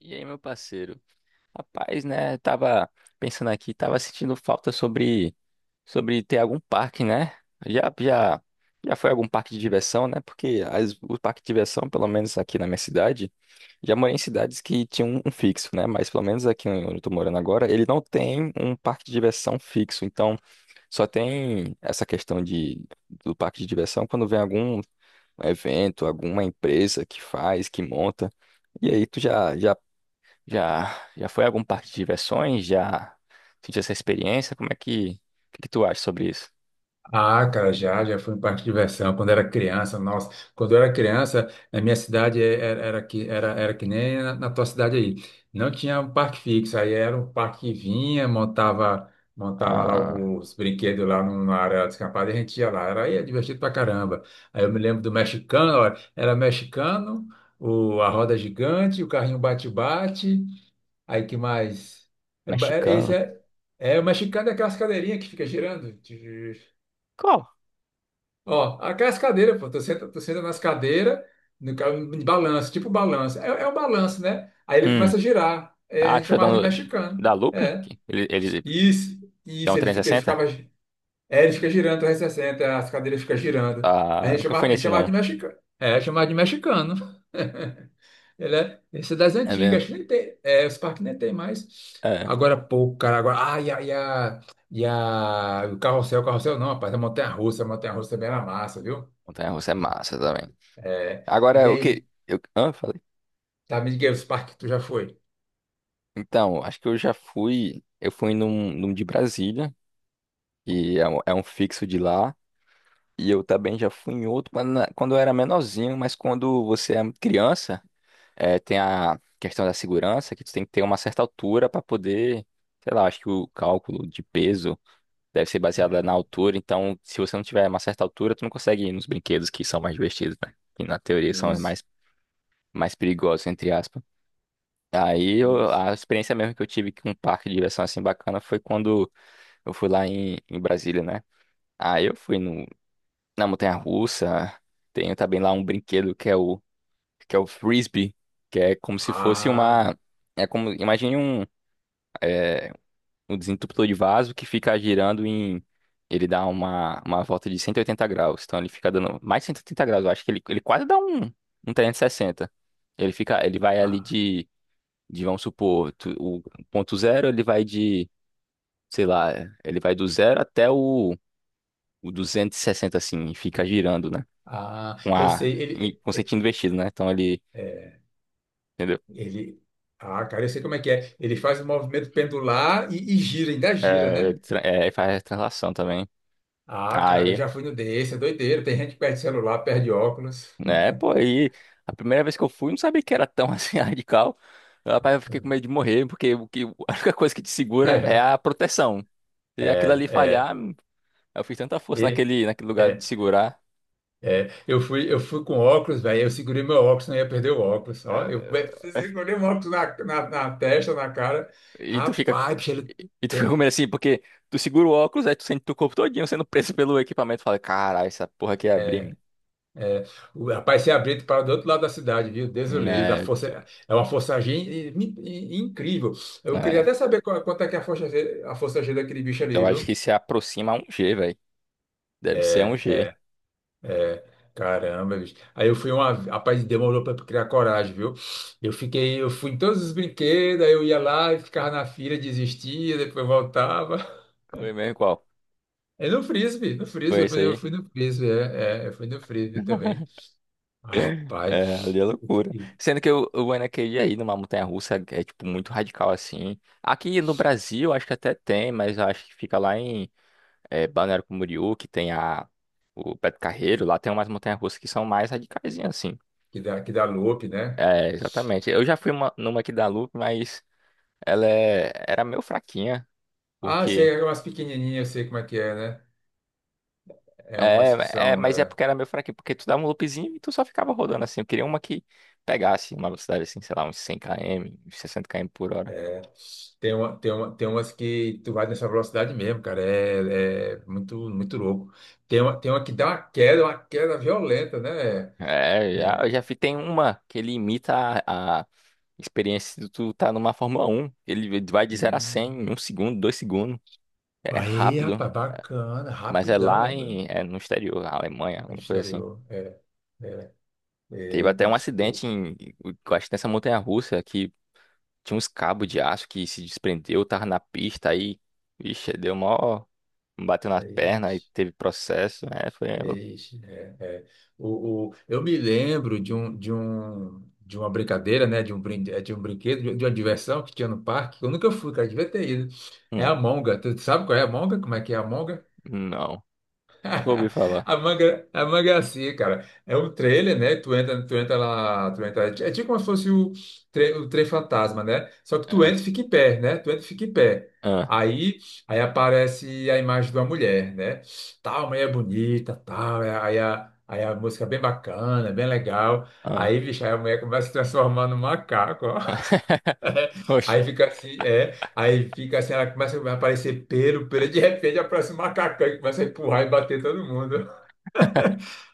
E aí, meu parceiro? Rapaz, né? Tava pensando aqui, tava sentindo falta sobre ter algum parque, né? Já já já foi algum parque de diversão, né? Porque as, o parque de diversão, pelo menos aqui na minha cidade, já morei em cidades que tinham um fixo, né? Mas pelo menos aqui onde eu tô morando agora, ele não tem um parque de diversão fixo. Então, só tem essa questão de do parque de diversão quando vem algum evento, alguma empresa que faz, que monta. E aí, tu já foi a algum parque de diversões? Já sentiu essa experiência? Como é que, que tu acha sobre isso? Ah, cara, já fui em parque de diversão quando era criança. Nossa, quando eu era criança, na minha cidade era que nem na tua cidade aí. Não tinha um parque fixo, aí era um parque que vinha, montava lá Ah, os brinquedos lá numa área descampada e a gente ia lá. Aí é divertido pra caramba. Aí eu me lembro do mexicano, ó, era mexicano, a roda gigante, o carrinho bate-bate. Aí que mais? É ba- é- Esse mexicano. é, é o mexicano é aquelas cadeirinhas que fica girando. Qual? Ó, aquelas cadeiras, pô, tu senta nas cadeiras, no, ca- de balanço, tipo balanço. É um balanço, né? Aí ele Hum. começa a girar. É, a Ah, gente que foi da, chamava de mexicano. da Looping? É. Que Ele Isso, dá um isso, ele fica, ele 360? ficava. É, ele fica girando 360, as cadeiras ficam girando. A Ah, gente nunca fui chamava, a gente nesse chamava de não. mexicano. É, chamava de mexicano. Esse é das É antigas, mesmo? acho que nem tem. É, os parques nem tem mais. É. Agora pouco, cara. Agora, o carrossel não, rapaz, a montanha-russa também era massa, viu? Montanha-russa é massa também. É, e Agora, o aí, que... Eu, falei. tá, me diga aí os parques que tu já foi. Então, acho que eu já fui... Eu fui num de Brasília, que é um fixo de lá. E eu também já fui em outro quando eu era menorzinho, mas quando você é criança... É, tem a questão da segurança, que tu tem que ter uma certa altura para poder, sei lá, acho que o cálculo de peso deve ser baseado na É, altura, então se você não tiver uma certa altura, tu não consegue ir nos brinquedos que são mais divertidos, né? Que na teoria são os isso, mais perigosos, entre aspas. Aí eu- isso. a experiência mesmo que eu tive com um parque de diversão assim bacana foi quando eu fui lá em Brasília, né? Aí eu fui no, na montanha-russa, tenho também lá um brinquedo que é o frisbee, que é como se fosse Ah, uma. É como, imagine um, é, um desentupidor de vaso que fica girando em. Ele dá uma volta de 180 graus. Então ele fica dando mais de 180 graus. Eu acho que ele quase dá um 360. Ele fica, ele vai ali ah, de vamos supor, tu- o ponto zero, ele vai de, sei lá, ele vai do zero até o 260 assim, e fica girando, né? ah, Com eu a, sei, e- ele, com é, sentido invertido, né? Então ele, é, entendeu? ele, ah, cara, eu sei como é que é. Ele faz o movimento pendular e gira, ainda gira, É, ele né? tra- é, ele faz translação também. Ah, cara, eu Aí, já fui no desse, é doideiro. Tem gente que perde celular, perde óculos. né, pô, aí a primeira vez que eu fui, não sabia que era tão assim radical. Rapaz, eu fiquei com medo de morrer, porque o que, a única coisa que te segura é a proteção. Se aquilo É, ali é, falhar, é. eu fiz tanta força E- naquele lugar de É. segurar. É, eu fui com óculos, velho. Eu segurei meu óculos, não ia perder o óculos. Ó, segurei o óculos na testa, na cara. E tu fica. Co- Rapaz, bicho, ele E tu fica tem. com medo assim, porque tu segura o óculos, aí tu sente teu corpo todinho sendo preso pelo equipamento. Fala, caralho, essa porra aqui é abrir, É, mano." é. O rapaz se abriu para do outro lado da cidade, viu? Deus o livre. A É, força, é uma força G incrível. Eu queria é. até saber quanto é que é a força G daquele bicho ali, Eu acho viu? que se aproxima a um G, velho. Deve ser a um É. G. É, caramba, bicho. Aí eu fui uma. Rapaz, demorou pra criar coragem, viu? Eu fui em todos os brinquedos, aí eu ia lá e ficava na fila, desistia, depois voltava. Foi mesmo qual? É no frisbee, no Foi frisbee, eu isso fui, eu aí. fui no frisbee, eu fui no frisbee também. É, ali Rapaz, é loucura. que Sendo que o Anakin aí numa montanha-russa é, é, tipo muito radical assim. Aqui no Brasil acho que até tem, mas eu acho que fica lá em é, Balneário Camboriú, que tem a o Beto Carreiro, lá tem umas montanhas-russas que são mais radicaisinhas assim. que dá loop, né? É, exatamente. Eu já fui uma- numa aqui da Loop, mas ela é- era meio fraquinha, Ah, eu sei, porque é umas pequenininhas, eu sei como é que é, né? É umas que É, é, são. mas é porque era meio fraquinho, porque tu dava um loopzinho e tu só ficava rodando assim. Eu queria uma que pegasse uma velocidade assim, sei lá, uns 100 km, uns 60 km por hora. Tem umas que tu vai nessa velocidade mesmo, cara. É muito, muito louco. Tem uma que dá uma queda violenta, né? É, já, É. eu já fi- tem uma que ele imita a experiência de tu tá numa Fórmula Um. Ele vai de 0 a 100 em Hum. um segundo, 2 segundos. É Aí, rápido, rapaz, bacana, mas é rapidão, né? lá Velho? em, é no exterior, na Alemanha, alguma coisa assim. Exterior. É, é. Teve até Eita. um O- acidente em, eu acho que nessa montanha-russa que tinha uns cabos de aço que se desprendeu, tava na pista aí. Vixe, deu mó. Bateu na Aí. perna e teve processo. É, foi. Louco. Ixi, é, é. Eu me lembro de uma brincadeira, né? De um brinquedo, de uma diversão que tinha no parque. Que eu nunca fui, cara, devia ter ido. É Hum, a monga. Tu sabe qual é a monga? Como é que é a monga? não, nunca ouvi falar. A manga é assim, cara. É um trailer, né? Tu entra lá, tu entra. É tipo como se fosse o trem fantasma, né? Só que tu Ah, entra e fica em pé, né? Tu entra e fica em pé. ah, Aí, aí aparece a imagem de uma mulher, né? Tal, mulher é bonita, tal. Aí a música é bem bacana, bem legal. ah. Aí, bicho, aí a mulher começa a se transformar num macaco, ó. Oxe, Aí fica assim, é. Aí fica assim, ela começa a aparecer pelo. De repente aparece um macacão que começa a empurrar e bater todo mundo.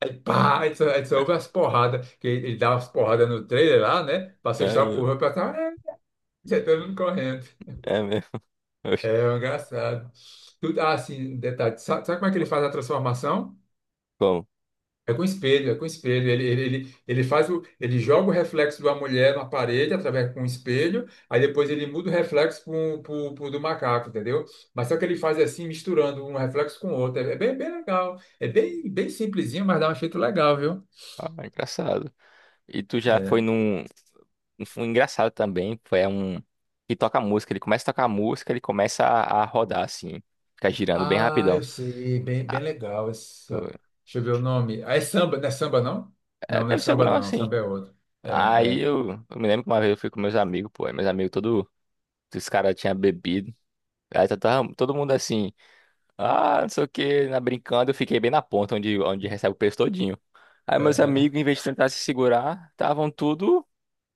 Aí, pá, aí só ouve as porradas, que ele dá umas porradas no trailer lá, né? Pra é, assustar o mesmo. povo, aí pra cá, já tá todo mundo correndo. É mesmo. É Oxe, é engraçado. Tudo, assim, um detalhe, sabe como é que ele faz a transformação? como? É com espelho, é com espelho. Ele joga o reflexo de uma mulher na parede através com um espelho, aí depois ele muda o reflexo pro, pro, pro do macaco, entendeu? Mas só que ele faz assim, misturando um reflexo com o outro. É bem, bem legal. É bem, bem simplesinho, mas dá um efeito legal, viu? Ah, é engraçado. E tu já foi É. num. Foi engraçado também. Foi um. Que toca música. Ele começa a tocar música, ele começa a rodar assim. Fica girando bem Ah, rapidão. eu sei, bem, bem Ah, legal pô, essa. Deixa eu ver o nome. Ah, é samba, não é samba não? é, Não, não é deve ser algum samba não, negócio assim. samba é outro. Aí É, eu me lembro que uma vez eu fui com meus amigos, pô. Aí Meus amigos, todo. Os caras tinham bebido. Aí tava todo mundo assim. Ah, não sei o que, na brincando, eu fiquei bem na ponta onde recebe o peso todinho. Aí é, meus é. amigos, em vez de tentar se segurar, estavam tudo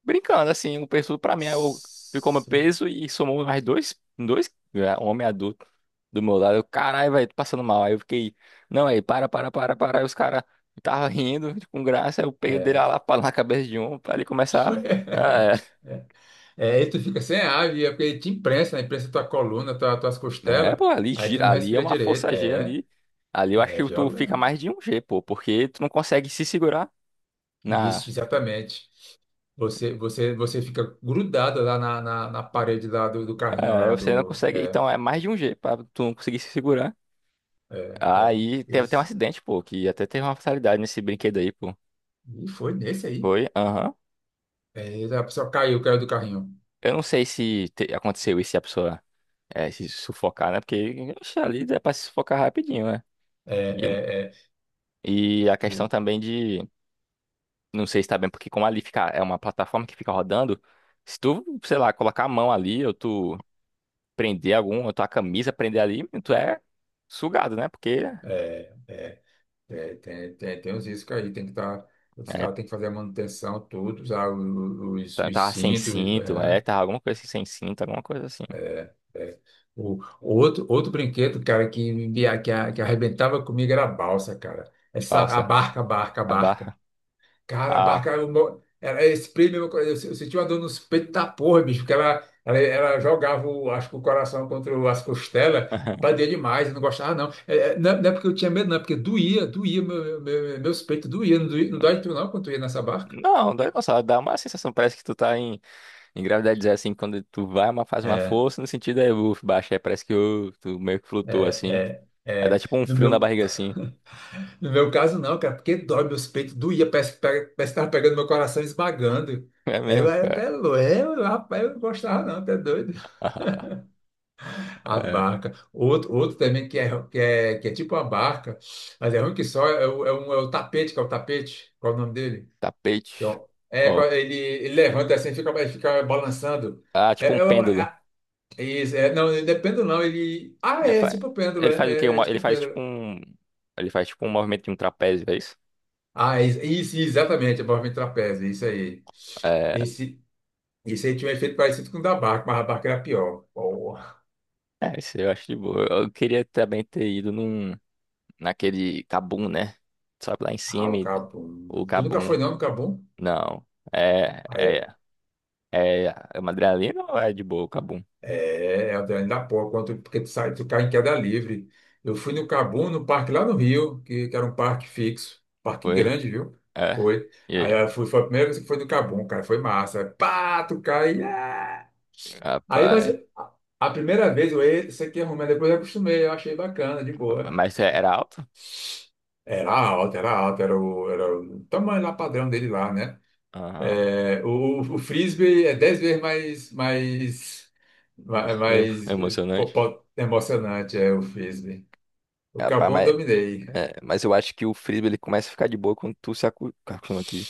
brincando, assim, o peso tudo pra mim. Aí eu ficou meu S- peso e somou mais dois, é, um homem adulto do meu lado. Eu, caralho, velho, tô passando mal. Aí eu fiquei, não, aí, para, para, para, para. Aí os caras estavam rindo com graça, aí eu peguei dele É. lá pra- na cabeça de um, pra ele começar. Ah, É, e tu fica sem ar, e é porque te imprensa, né? Imprensa tua coluna, tuas é, é, costelas, pô, ali aí tu não gira, ali é respira uma direito. força G É, ali. Ali eu acho é que tu fica violento. mais de um G, pô, porque tu não consegue se segurar Na, Isso, exatamente. Você fica grudado lá na parede lá do carrinho é, lá você não do. consegue. É, Então é mais de um jeito pra tu não conseguir se segurar. é, é. Aí teve até um Isso. acidente, pô, que até teve uma fatalidade nesse brinquedo aí, pô. E foi nesse aí. Foi? Aham. É, a pessoa caiu do carrinho. Eu não sei se te- aconteceu isso e a pessoa é, se sufocar, né? Porque oxe, ali dá pra se sufocar rapidinho, né? É, E, é, é, e a questão o- também de. Não sei se tá bem, porque como ali fica, é uma plataforma que fica rodando, se tu, sei lá, colocar a mão ali, ou tu prender algum, ou tua camisa prender ali, tu é sugado, né? Porque. é, é, tem os riscos aí, tem que estar. Os É, caras têm que fazer a manutenção, tudo, usar o- o- os, Tá- os Tava sem cintos. cinto, É, é, tava alguma coisa assim, sem cinto, alguma coisa assim. é, é. Outro brinquedo, cara, que arrebentava comigo era a balsa, cara. Essa, a Balsa, barca, a barca, a a barca. barra, Cara, a a. barca, era esse prêmio, eu senti uma dor nos peitos da porra, bicho, porque ela jogava, acho que o coração contra as costelas, apadia demais, eu não gostava não. É, é, não. Não é porque eu tinha medo, não, é porque doía, meus peitos doía, não dói tu não quando tu ia nessa barca? Não, dá, nossa, dá uma sensação, parece que tu tá em gravidade zero, assim, quando tu vai, uma, faz uma É, força, no sentido é, baixa, aí parece que ô, tu meio que flutua, assim. é, é, Aí dá é. tipo um No frio na meu, barriga, assim. no meu caso não, cara, porque dói meus peitos, doía, parece que tava pegando meu coração e esmagando. É Aí eu mesmo, era cara. até louco, rapaz, eu não gostava não, até doido. A É. barca. Outro também que é, tipo a barca, mas é ruim que só é o tapete, que é o tapete. Qual é o nome dele? Tapete. Que é, o- é, Qual? qual- ele levanta assim, ele fica balançando. Ah, É, tipo um é, o- pêndulo. é- isso, não, não é pêndulo, não. Ele. Ah, Ele é, faz, tipo um pêndulo, ele faz o quê? É Uma- Ele tipo um faz pêndulo. tipo um... Ele faz tipo um movimento de um trapézio, é isso? Ah, é isso, isso, exatamente, é movimento trapézio, isso aí. É. Esse, esse aí tinha um efeito parecido com o da barca, mas a barca era pior. Porra, É, isso eu acho de boa. Eu queria também ter ido num, naquele Cabum, né? Sabe lá em cima, o e- cabum. o Tu nunca Cabum. foi, não, no cabum? Não. É, é, é, é uma adrenalina ou é de boa o Cabum? É ainda pô, quanto, porque tu sai, tu cai em queda livre. Eu fui no Cabum, no parque lá no Rio, que era um parque fixo, parque Foi? grande, viu? É. Foi. E Aí aí? eu fui, foi a primeira vez que foi no Cabum, cara, foi massa. Pá, tu cai. Ah! Aí, mas Rapaz. a primeira vez isso aqui arrumei, depois eu acostumei, eu achei bacana, de boa. Mas é- era alto? Era alto era o tamanho lá padrão dele lá, né? Aham. É, o frisbee é dez vezes mais, ma- Em- mais, Emocionante. Emocionante, é o frisbee. O Rapaz, Cabum mas, dominei. é, mas eu acho que o frisbee ele começa a ficar de boa quando tu se acu- acostuma aqui.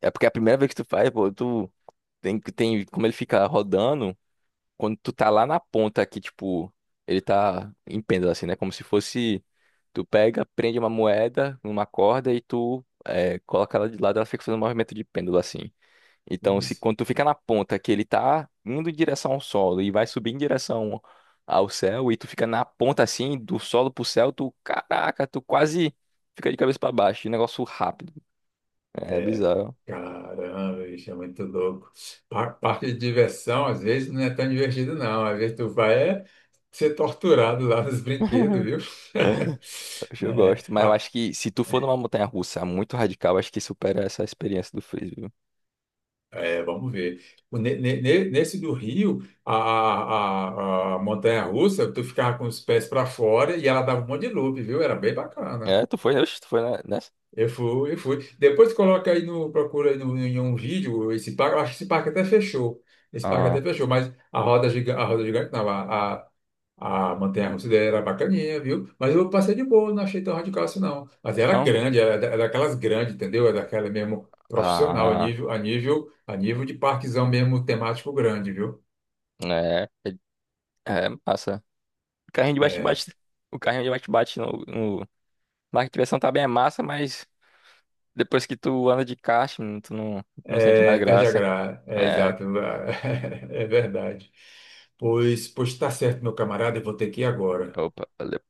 É porque é a primeira vez que tu faz, pô, tu tem como ele fica rodando. Quando tu tá lá na ponta que, tipo, ele tá em pêndulo, assim, né? Como se fosse. Tu pega, prende uma moeda numa corda e tu é, coloca ela de lado, ela fica fazendo um movimento de pêndulo, assim. Então, se Isso. quando tu fica na ponta que ele tá indo em direção ao solo e vai subir em direção ao céu, e tu fica na ponta assim, do solo pro céu, tu, caraca, tu quase fica de cabeça pra baixo. De Negócio rápido. É É, bizarro. caramba, isso é muito louco. Parque de diversão, às vezes, não é tão divertido, não. Às vezes tu vai é ser torturado lá nos brinquedos, viu? Hoje eu É, gosto, mas eu acho que se tu for numa montanha russa muito radical, acho que supera essa experiência do frisbee. Viu? é, vamos ver. O ne- ne- ne- Nesse do Rio, a montanha-russa, tu ficava com os pés para fora e ela dava um monte de loop, viu? Era bem bacana. É, tu foi, oxe, tu foi ne- nessa? Eu fui, eu fui. Depois coloca aí no, procura aí no, em um vídeo esse parque. Eu acho que esse parque até fechou. Esse parque Ah, até fechou, mas a roda gigante não, a montanha-russa dele era bacaninha, viu? Mas eu passei de boa, não achei tão radical assim não. Mas era não? grande, era daquelas grandes, entendeu? Era daquela mesmo profissional, a Ah, nível, a nível, a nível de parquezão mesmo temático grande, viu? é, é, é massa. O carrinho de É, bate-bate, o carrinho de bate-bate no, no... na arquitração também é massa, mas depois que tu anda de kart, tu não, não sente é, mais perde a graça. graça. É É, exato, é verdade. Pois tá certo, meu camarada, eu vou ter que ir agora. opa, valeu.